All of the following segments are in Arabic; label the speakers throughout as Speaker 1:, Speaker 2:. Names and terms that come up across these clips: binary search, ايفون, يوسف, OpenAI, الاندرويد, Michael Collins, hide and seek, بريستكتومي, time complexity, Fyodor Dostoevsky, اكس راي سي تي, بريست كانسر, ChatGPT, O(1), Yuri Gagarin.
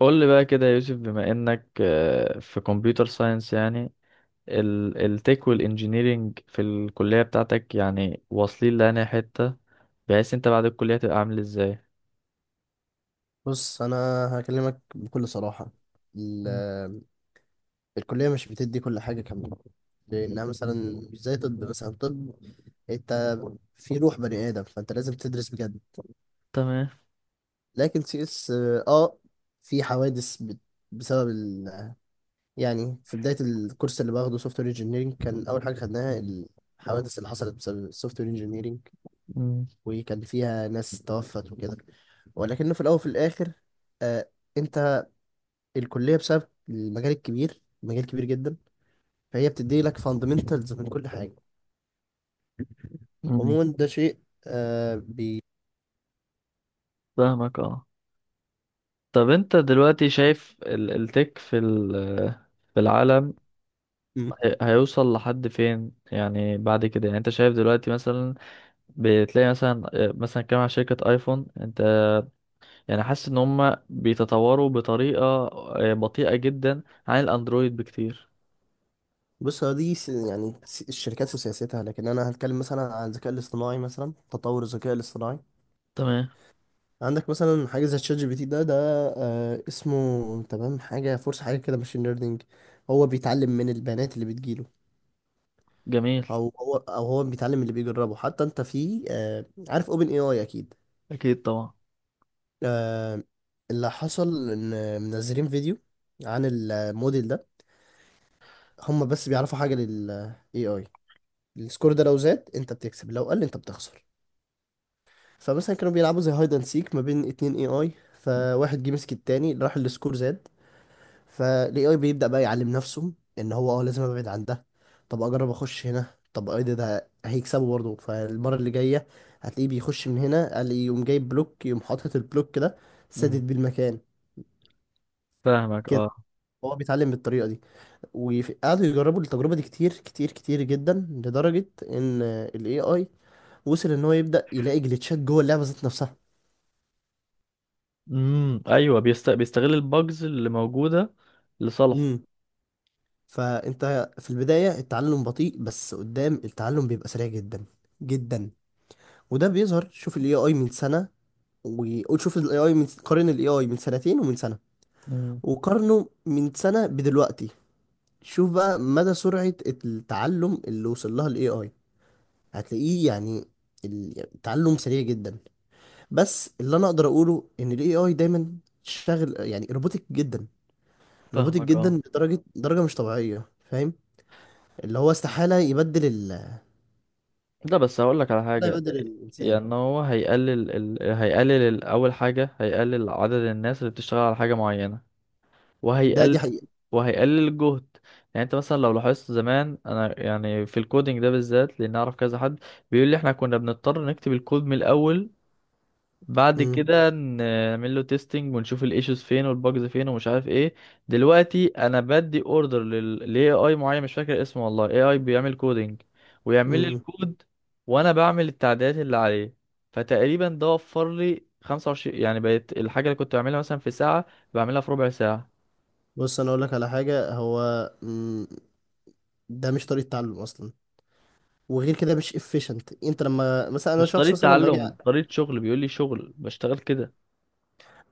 Speaker 1: قول لي بقى كده يا يوسف، بما انك في كمبيوتر ساينس يعني، التك والانجينيرينج في الكلية بتاعتك يعني واصلين لأنهي حتة، بحيث انت بعد الكلية تبقى عامل ازاي؟
Speaker 2: بص انا هكلمك بكل صراحه. ال-
Speaker 1: مم.
Speaker 2: آه، الكليه مش بتدي كل حاجه كامله، لانها مثلا مش زي طب، مثلا طب انت في روح بني ادم، فانت لازم تدرس بجد.
Speaker 1: تمام.
Speaker 2: لكن سي اس في حوادث بسبب ال... آه، يعني في بدايه الكورس اللي باخده سوفت وير انجينيرنج كان اول حاجه خدناها الحوادث اللي حصلت بسبب السوفت وير انجينيرنج.
Speaker 1: مم.
Speaker 2: وكان فيها ناس توفت وكده. ولكنه في الاول وفي الاخر آه، انت الكلية بسبب المجال الكبير، مجال كبير جدا، فهي بتدي لك فاندمنتالز من كل حاجة.
Speaker 1: مم.
Speaker 2: عموما ده شيء. آه بي
Speaker 1: فاهمك اه. طب انت دلوقتي شايف التك في في العالم،
Speaker 2: مم.
Speaker 1: هيوصل لحد فين يعني بعد كده؟ يعني انت شايف دلوقتي مثلا بتلاقي مثلا مثلا كام على شركة ايفون، انت يعني حاسس ان هم بيتطوروا بطريقة بطيئة جدا عن الاندرويد بكتير؟
Speaker 2: بص، هو دي يعني الشركات وسياستها، لكن انا هتكلم مثلا عن الذكاء الاصطناعي، مثلا تطور الذكاء الاصطناعي.
Speaker 1: تمام.
Speaker 2: عندك مثلا حاجة زي تشات جي بي تي ده. اسمه تمام، حاجة فرصة حاجة كده، ماشين ليرنينج. هو بيتعلم من البيانات اللي بتجيله.
Speaker 1: جميل.
Speaker 2: او هو بيتعلم اللي بيجربه. حتى انت في عارف اوبن اي اي اكيد.
Speaker 1: اكيد طبعا.
Speaker 2: آه، اللي حصل ان منزلين فيديو عن الموديل ده. هم بس بيعرفوا حاجه لل AI، السكور ده لو زاد انت بتكسب، لو قل انت بتخسر. فمثلا كانوا بيلعبوا زي هايد اند سيك ما بين اتنين AI. فواحد جه مسك التاني راح السكور زاد، فال AI بيبدأ بقى يعلم نفسه ان هو لازم ابعد عن ده. طب اجرب اخش هنا. طب ايه ده؟ هيكسبه برضه فالمره اللي جايه هتلاقيه بيخش من هنا، قال إيه، يقوم جايب بلوك، يقوم حاطط البلوك ده
Speaker 1: مم.
Speaker 2: سادد بيه المكان.
Speaker 1: فاهمك اه.
Speaker 2: هو بيتعلم بالطريقة دي. وقعدوا يجربوا التجربة دي كتير كتير كتير جدا، لدرجة ان ال AI وصل ان هو يبدأ يلاقي جليتشات جوه اللعبة ذات نفسها.
Speaker 1: امم، ايوه، بيستغل الباجز اللي موجودة لصالحه.
Speaker 2: امم فانت في البداية التعلم بطيء، بس قدام التعلم بيبقى سريع جدا جدا. وده بيظهر، شوف ال AI من سنة، وشوف ال AI قارن ال AI من سنتين ومن سنة،
Speaker 1: مم.
Speaker 2: وقارنه من سنة بدلوقتي. شوف بقى مدى سرعة التعلم اللي وصل لها ال AI، هتلاقيه يعني التعلم سريع جدا. بس اللي انا اقدر اقوله ان الاي اي دايما شاغل، يعني روبوتك جدا، روبوتك
Speaker 1: فاهمك
Speaker 2: جدا
Speaker 1: اه.
Speaker 2: لدرجه مش طبيعيه، فاهم؟ اللي هو استحاله يبدل
Speaker 1: ده بس هقول لك على
Speaker 2: استحاله
Speaker 1: حاجة،
Speaker 2: يبدل الانسان.
Speaker 1: يعني هو هيقلل اول حاجة هيقلل عدد الناس اللي بتشتغل على حاجة معينة،
Speaker 2: ده دي
Speaker 1: وهيقلل
Speaker 2: حقيقه.
Speaker 1: وهيقلل الجهد. يعني انت مثلا لو لاحظت زمان، انا يعني في الكودينج ده بالذات، لان اعرف كذا حد بيقول لي احنا كنا بنضطر نكتب الكود من الاول، بعد
Speaker 2: امم،
Speaker 1: كده نعمل له تيستنج ونشوف الايشوز فين والباجز فين ومش عارف ايه. دلوقتي انا بدي اوردر للاي اي معين مش فاكر اسمه والله، اي اي بيعمل كودينج ويعمل
Speaker 2: امم،
Speaker 1: لي
Speaker 2: إمم.
Speaker 1: الكود، وانا بعمل التعديلات اللي عليه. فتقريبا ده وفر لي 25، يعني بقت الحاجه اللي كنت بعملها مثلا في ساعه بعملها في ربع ساعه.
Speaker 2: بص انا اقول لك على حاجه هو. مم. ده مش طريقه تعلم اصلا، وغير كده مش efficient. انت لما مثلا، انا
Speaker 1: مش
Speaker 2: شخص
Speaker 1: طريقة
Speaker 2: مثلا لما اجي.
Speaker 1: تعلم، طريقة شغل، بيقول لي شغل بشتغل كده.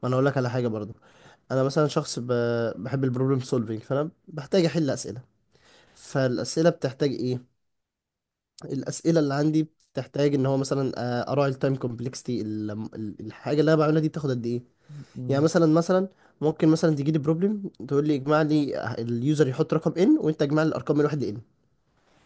Speaker 2: ما انا اقول لك على حاجه برضو، انا مثلا شخص بحب البروبلم سولفينج، فانا بحتاج احل اسئله. فالاسئله بتحتاج ايه؟ الاسئله اللي عندي بتحتاج ان هو مثلا اراعي التايم كومبلكسيتي، الحاجه اللي انا بعملها دي بتاخد قد ايه. يعني
Speaker 1: مم.
Speaker 2: مثلا، ممكن مثلا تجي لي بروبلم تقول لي اجمع لي، اليوزر يحط رقم ان، وانت اجمع لي الارقام من واحد لان.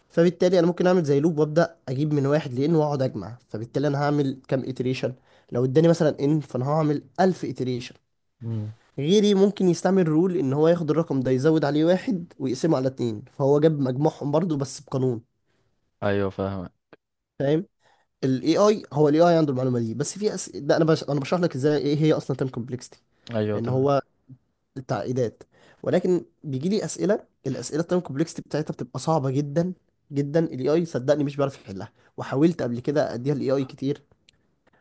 Speaker 2: فبالتالي انا ممكن اعمل زي لوب، وابدا اجيب من واحد لان واقعد اجمع، فبالتالي انا هعمل كام اتريشن. لو اداني مثلا ان، فانا هعمل 1000 اتريشن.
Speaker 1: مم.
Speaker 2: غيري ممكن يستعمل رول، ان هو ياخد الرقم ده يزود عليه واحد ويقسمه على اتنين، فهو جاب مجموعهم برضو بس بقانون.
Speaker 1: ايوه فاهمك.
Speaker 2: فاهم؟ الاي اي، هو الاي اي عنده المعلومه دي، بس في ده انا انا بشرح لك ازاي ايه هي اصلا تايم كومبلكسيتي،
Speaker 1: ايوه
Speaker 2: ان
Speaker 1: تمام.
Speaker 2: هو التعقيدات. ولكن بيجي لي اسئله، الاسئله التايم كومبلكسيتي بتاعتها بتبقى صعبه جدا جدا، الاي اي صدقني مش بيعرف يحلها. وحاولت قبل كده اديها الاي اي كتير،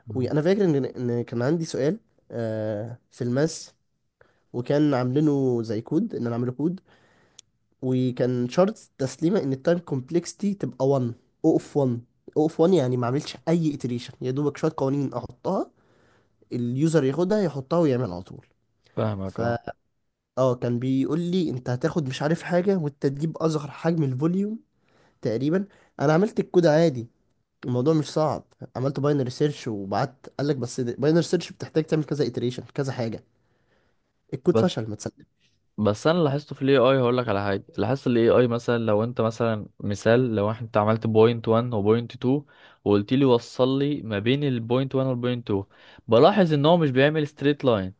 Speaker 1: مم.
Speaker 2: وانا فاكر ان كان عندي سؤال في الماس، وكان عاملينه زي كود، ان انا اعمله كود. وكان شرط تسليمه ان التايم كومبلكسيتي تبقى 1، او اوف 1، او اوف 1. يعني ما عملتش اي iteration، يا دوبك شويه قوانين احطها، اليوزر ياخدها يحطها ويعمل على طول.
Speaker 1: فاهمك اه.
Speaker 2: فا اه كان بيقول لي انت هتاخد مش عارف حاجه، وانت تجيب اصغر حجم الفوليوم تقريبا. انا عملت الكود عادي، الموضوع مش صعب. عملت باينري سيرش وبعت، قال لك بس باينري سيرش بتحتاج تعمل كذا iteration كذا حاجه. الكود
Speaker 1: بس
Speaker 2: فشل ما تسلم.
Speaker 1: بس انا لاحظته في الاي اي، هقول لك على حاجه. لاحظت الاي اي مثلا لو انت مثلا، مثال لو انت عملت بوينت 1 وبوينت 2 وقلت لي وصل لي ما بين البوينت 1 والبوينت 2، بلاحظ ان هو مش بيعمل ستريت لاين.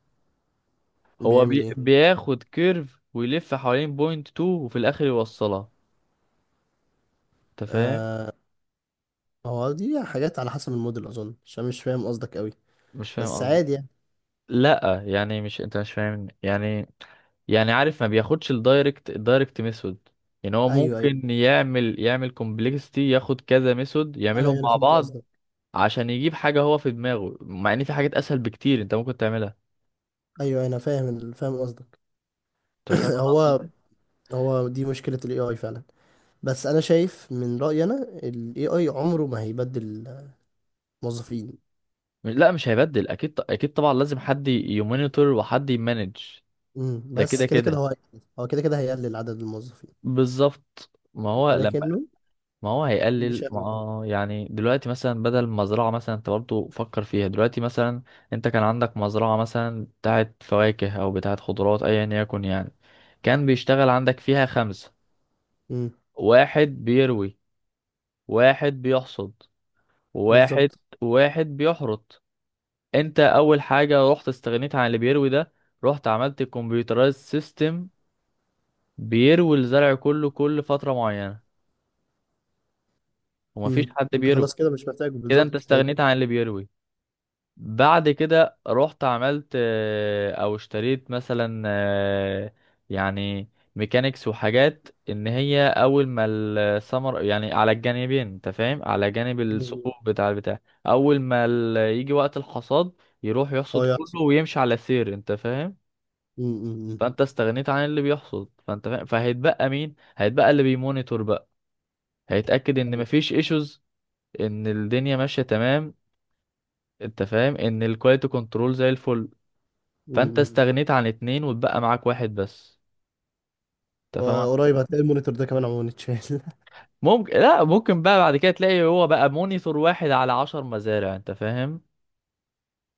Speaker 2: بيعمل ايه؟
Speaker 1: بياخد كيرف ويلف حوالين بوينت 2 وفي الاخر يوصلها. انت فاهم؟
Speaker 2: آه هو دي حاجات على حسب الموديل اظن، عشان مش فاهم قصدك قوي،
Speaker 1: مش فاهم
Speaker 2: بس
Speaker 1: قصدي؟
Speaker 2: عادي يعني.
Speaker 1: لا يعني مش انت مش فاهم يعني، يعني عارف ما بياخدش الدايركت ميثود. يعني هو
Speaker 2: ايوه، ايوه،
Speaker 1: ممكن يعمل كومبلكسيتي، ياخد كذا ميثود
Speaker 2: انا
Speaker 1: يعملهم
Speaker 2: انا
Speaker 1: مع
Speaker 2: فهمت
Speaker 1: بعض
Speaker 2: قصدك.
Speaker 1: عشان يجيب حاجة هو في دماغه، مع ان في حاجات اسهل بكتير انت ممكن تعملها.
Speaker 2: ايوه انا فاهم فاهم قصدك.
Speaker 1: انت فاهم انا قصدي
Speaker 2: هو
Speaker 1: إيه؟
Speaker 2: هو دي مشكله الاي اي فعلا. بس انا شايف من رأيي انا، ال AI عمره ما هيبدل موظفين.
Speaker 1: لا مش هيبدل اكيد، اكيد طبعا، لازم حد يمونيتور وحد يمانج.
Speaker 2: امم،
Speaker 1: ده
Speaker 2: بس
Speaker 1: كده
Speaker 2: كده كده
Speaker 1: كده،
Speaker 2: هو هيقلل. هو كده كده هيقلل عدد الموظفين،
Speaker 1: بالظبط ما هو لما
Speaker 2: ولكنه
Speaker 1: ما هو
Speaker 2: مش
Speaker 1: هيقلل، ما
Speaker 2: هياخده.
Speaker 1: يعني دلوقتي مثلا، بدل مزرعة مثلا انت برضه فكر فيها دلوقتي مثلا، انت كان عندك مزرعة مثلا بتاعت فواكه او بتاعت خضروات ايا يكن يعني، كان بيشتغل عندك فيها خمسة،
Speaker 2: امم،
Speaker 1: واحد بيروي، واحد بيحصد، واحد
Speaker 2: بالظبط.
Speaker 1: واحد بيحرط. انت اول حاجة رحت استغنيت عن اللي بيروي ده، رحت عملت كمبيوترايز سيستم بيروي الزرع كله كل فترة معينة، ومفيش
Speaker 2: امم،
Speaker 1: حد
Speaker 2: انت
Speaker 1: بيروي.
Speaker 2: خلاص كده مش محتاجه،
Speaker 1: كده انت
Speaker 2: بالظبط هي دي.
Speaker 1: استغنيت عن اللي بيروي. بعد كده رحت عملت او اشتريت مثلا يعني ميكانيكس وحاجات، ان هي اول ما السمر يعني على الجانبين، انت فاهم، على جانب
Speaker 2: مم.
Speaker 1: الثقوب بتاع البتاع، اول ما يجي وقت الحصاد، يروح
Speaker 2: هو
Speaker 1: يحصد
Speaker 2: يحصل.
Speaker 1: كله ويمشي على سير. انت فاهم؟
Speaker 2: امم، أمم.
Speaker 1: فانت استغنيت عن اللي بيحصد، فانت فاهم، فهيتبقى مين؟ هيتبقى اللي بيمونيتور بقى، هيتاكد ان
Speaker 2: ايوه.
Speaker 1: مفيش ايشوز، ان الدنيا ماشيه تمام. انت فاهم ان الكواليتي كنترول زي الفل. فانت
Speaker 2: امم.
Speaker 1: استغنيت عن اتنين واتبقى معاك واحد بس. انت فاهم؟
Speaker 2: وقريب هتلاقي المونيتور ده كمان عموما اتشال.
Speaker 1: ممكن، لا ممكن بقى بعد كده تلاقي هو بقى مونيتور واحد على 10 مزارع. انت فاهم؟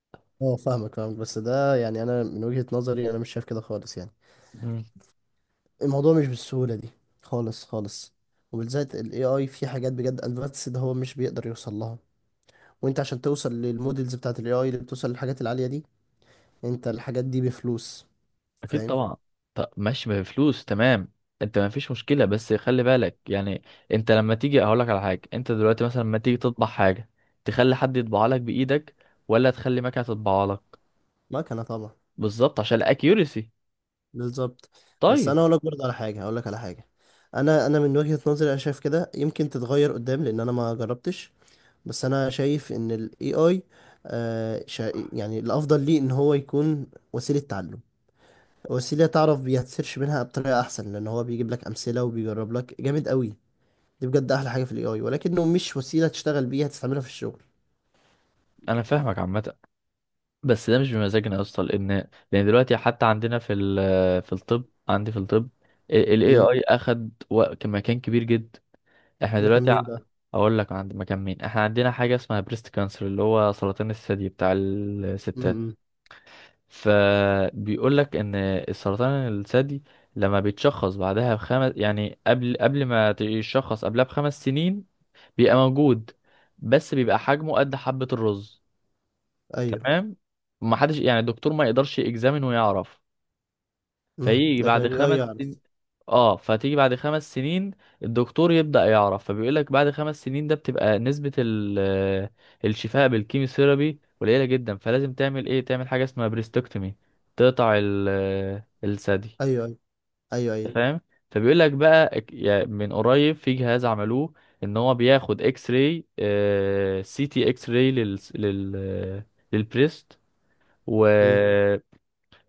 Speaker 2: اه، فاهمك فاهمك، بس ده يعني انا من وجهة نظري انا مش شايف كده خالص يعني.
Speaker 1: مم.
Speaker 2: الموضوع مش بالسهولة دي خالص خالص، وبالذات ال AI في حاجات بجد advanced ده هو مش بيقدر يوصل لها. وانت عشان توصل للمودلز بتاعت الاي اي اللي بتوصل للحاجات العالية دي، انت الحاجات دي بفلوس.
Speaker 1: اكيد
Speaker 2: فاهم؟
Speaker 1: طبعا. طب ماشي، ما بفلوس تمام، انت ما فيش مشكلة، بس خلي بالك يعني. انت لما تيجي هقول لك على حاجة، انت دلوقتي مثلا لما تيجي تطبع حاجة، تخلي حد يطبعها لك بايدك، ولا تخلي مكنة تطبعها لك؟
Speaker 2: مكنة طبعا.
Speaker 1: بالظبط، عشان الاكيوريسي.
Speaker 2: بالظبط. بس انا
Speaker 1: طيب.
Speaker 2: اقول لك برضه على حاجة، اقول لك على حاجة، انا من وجهة نظري انا شايف كده، يمكن تتغير قدام لان انا ما جربتش. بس انا شايف ان الاي اي يعني الافضل ليه ان هو يكون وسيلة تعلم، وسيلة تعرف بيتسيرش منها بطريقة احسن، لان هو بيجيب لك امثلة وبيجرب لك جامد قوي. دي بجد احلى حاجة في الاي اي، ولكنه مش وسيلة تشتغل بيها تستعملها في الشغل.
Speaker 1: انا فاهمك عامة، بس ده مش بمزاجنا يا اسطى، لان دلوقتي حتى عندنا في في الطب، عندي في الطب، ال AI اخد مكان كبير جدا. احنا
Speaker 2: ده كان
Speaker 1: دلوقتي
Speaker 2: مين بقى؟
Speaker 1: اقول لك عند مكان مين، احنا عندنا حاجه اسمها بريست كانسر، اللي هو سرطان الثدي بتاع الستات.
Speaker 2: امم.
Speaker 1: فبيقول لك ان السرطان الثدي لما بيتشخص بعدها بخمس يعني قبل قبل ما يتشخص قبلها ب5 سنين، بيبقى موجود بس بيبقى حجمه قد حبة الرز.
Speaker 2: ايوه.
Speaker 1: تمام. ما حدش يعني، الدكتور ما يقدرش يجزامن ويعرف.
Speaker 2: امم.
Speaker 1: فيجي
Speaker 2: ده
Speaker 1: بعد
Speaker 2: كان،
Speaker 1: خمس
Speaker 2: ايوه،
Speaker 1: تمام سنين،
Speaker 2: يعرف.
Speaker 1: اه، فتيجي بعد 5 سنين الدكتور يبدأ يعرف. فبيقول لك بعد 5 سنين ده بتبقى نسبة الشفاء بالكيموثيرابي قليلة جدا، فلازم تعمل ايه؟ تعمل حاجة اسمها بريستكتومي، تقطع الثدي.
Speaker 2: ايوه ايوه. ايوه
Speaker 1: أنت
Speaker 2: ايوه.
Speaker 1: فاهم؟ فبيقول لك بقى من قريب في جهاز عملوه، ان هو بياخد اكس راي، سي تي اكس راي للبريست
Speaker 2: امم.
Speaker 1: تمام،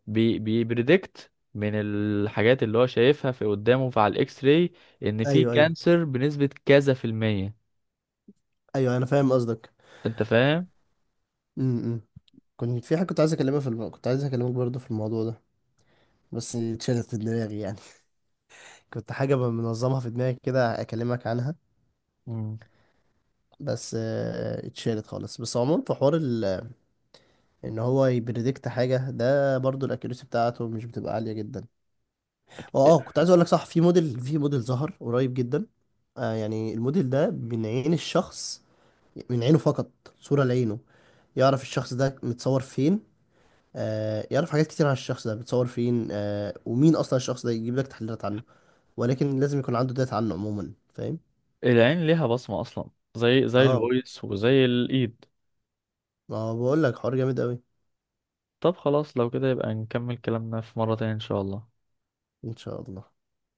Speaker 1: بيبريدكت من الحاجات اللي هو شايفها في قدامه في على الاكس راي، ان في
Speaker 2: ايوه ايوه.
Speaker 1: كانسر بنسبة كذا في المية.
Speaker 2: ايوه انا فاهم قصدك.
Speaker 1: انت فاهم؟
Speaker 2: امم. كنت في حاجه، كنت عايز اكلمها في كنت عايز اكلمك برضه في الموضوع ده، بس اتشالت في دماغي يعني. كنت حاجه منظمها في دماغي كده اكلمك عنها،
Speaker 1: مم.
Speaker 2: بس اتشالت خالص. بس عموما في حوار ان هو يبريدكت حاجه ده، برضه الاكيوريسي بتاعته مش بتبقى عاليه جدا. اه كنت عايز اقول لك صح، في موديل، ظهر قريب جدا. يعني الموديل ده من عين الشخص، من عينه فقط، صورة لعينه، يعرف الشخص ده متصور فين. يعرف حاجات كتير عن الشخص ده متصور فين، ومين أصلا الشخص ده، يجيب لك تحليلات عنه، ولكن لازم يكون عنده داتا عنه عموما. فاهم؟
Speaker 1: العين ليها بصمة اصلا، زي
Speaker 2: اه،
Speaker 1: الفويس وزي الايد.
Speaker 2: ما بقول لك حوار جامد أوي.
Speaker 1: طب خلاص لو كده يبقى نكمل كلامنا في مرة تانية ان شاء الله.
Speaker 2: إن شاء الله.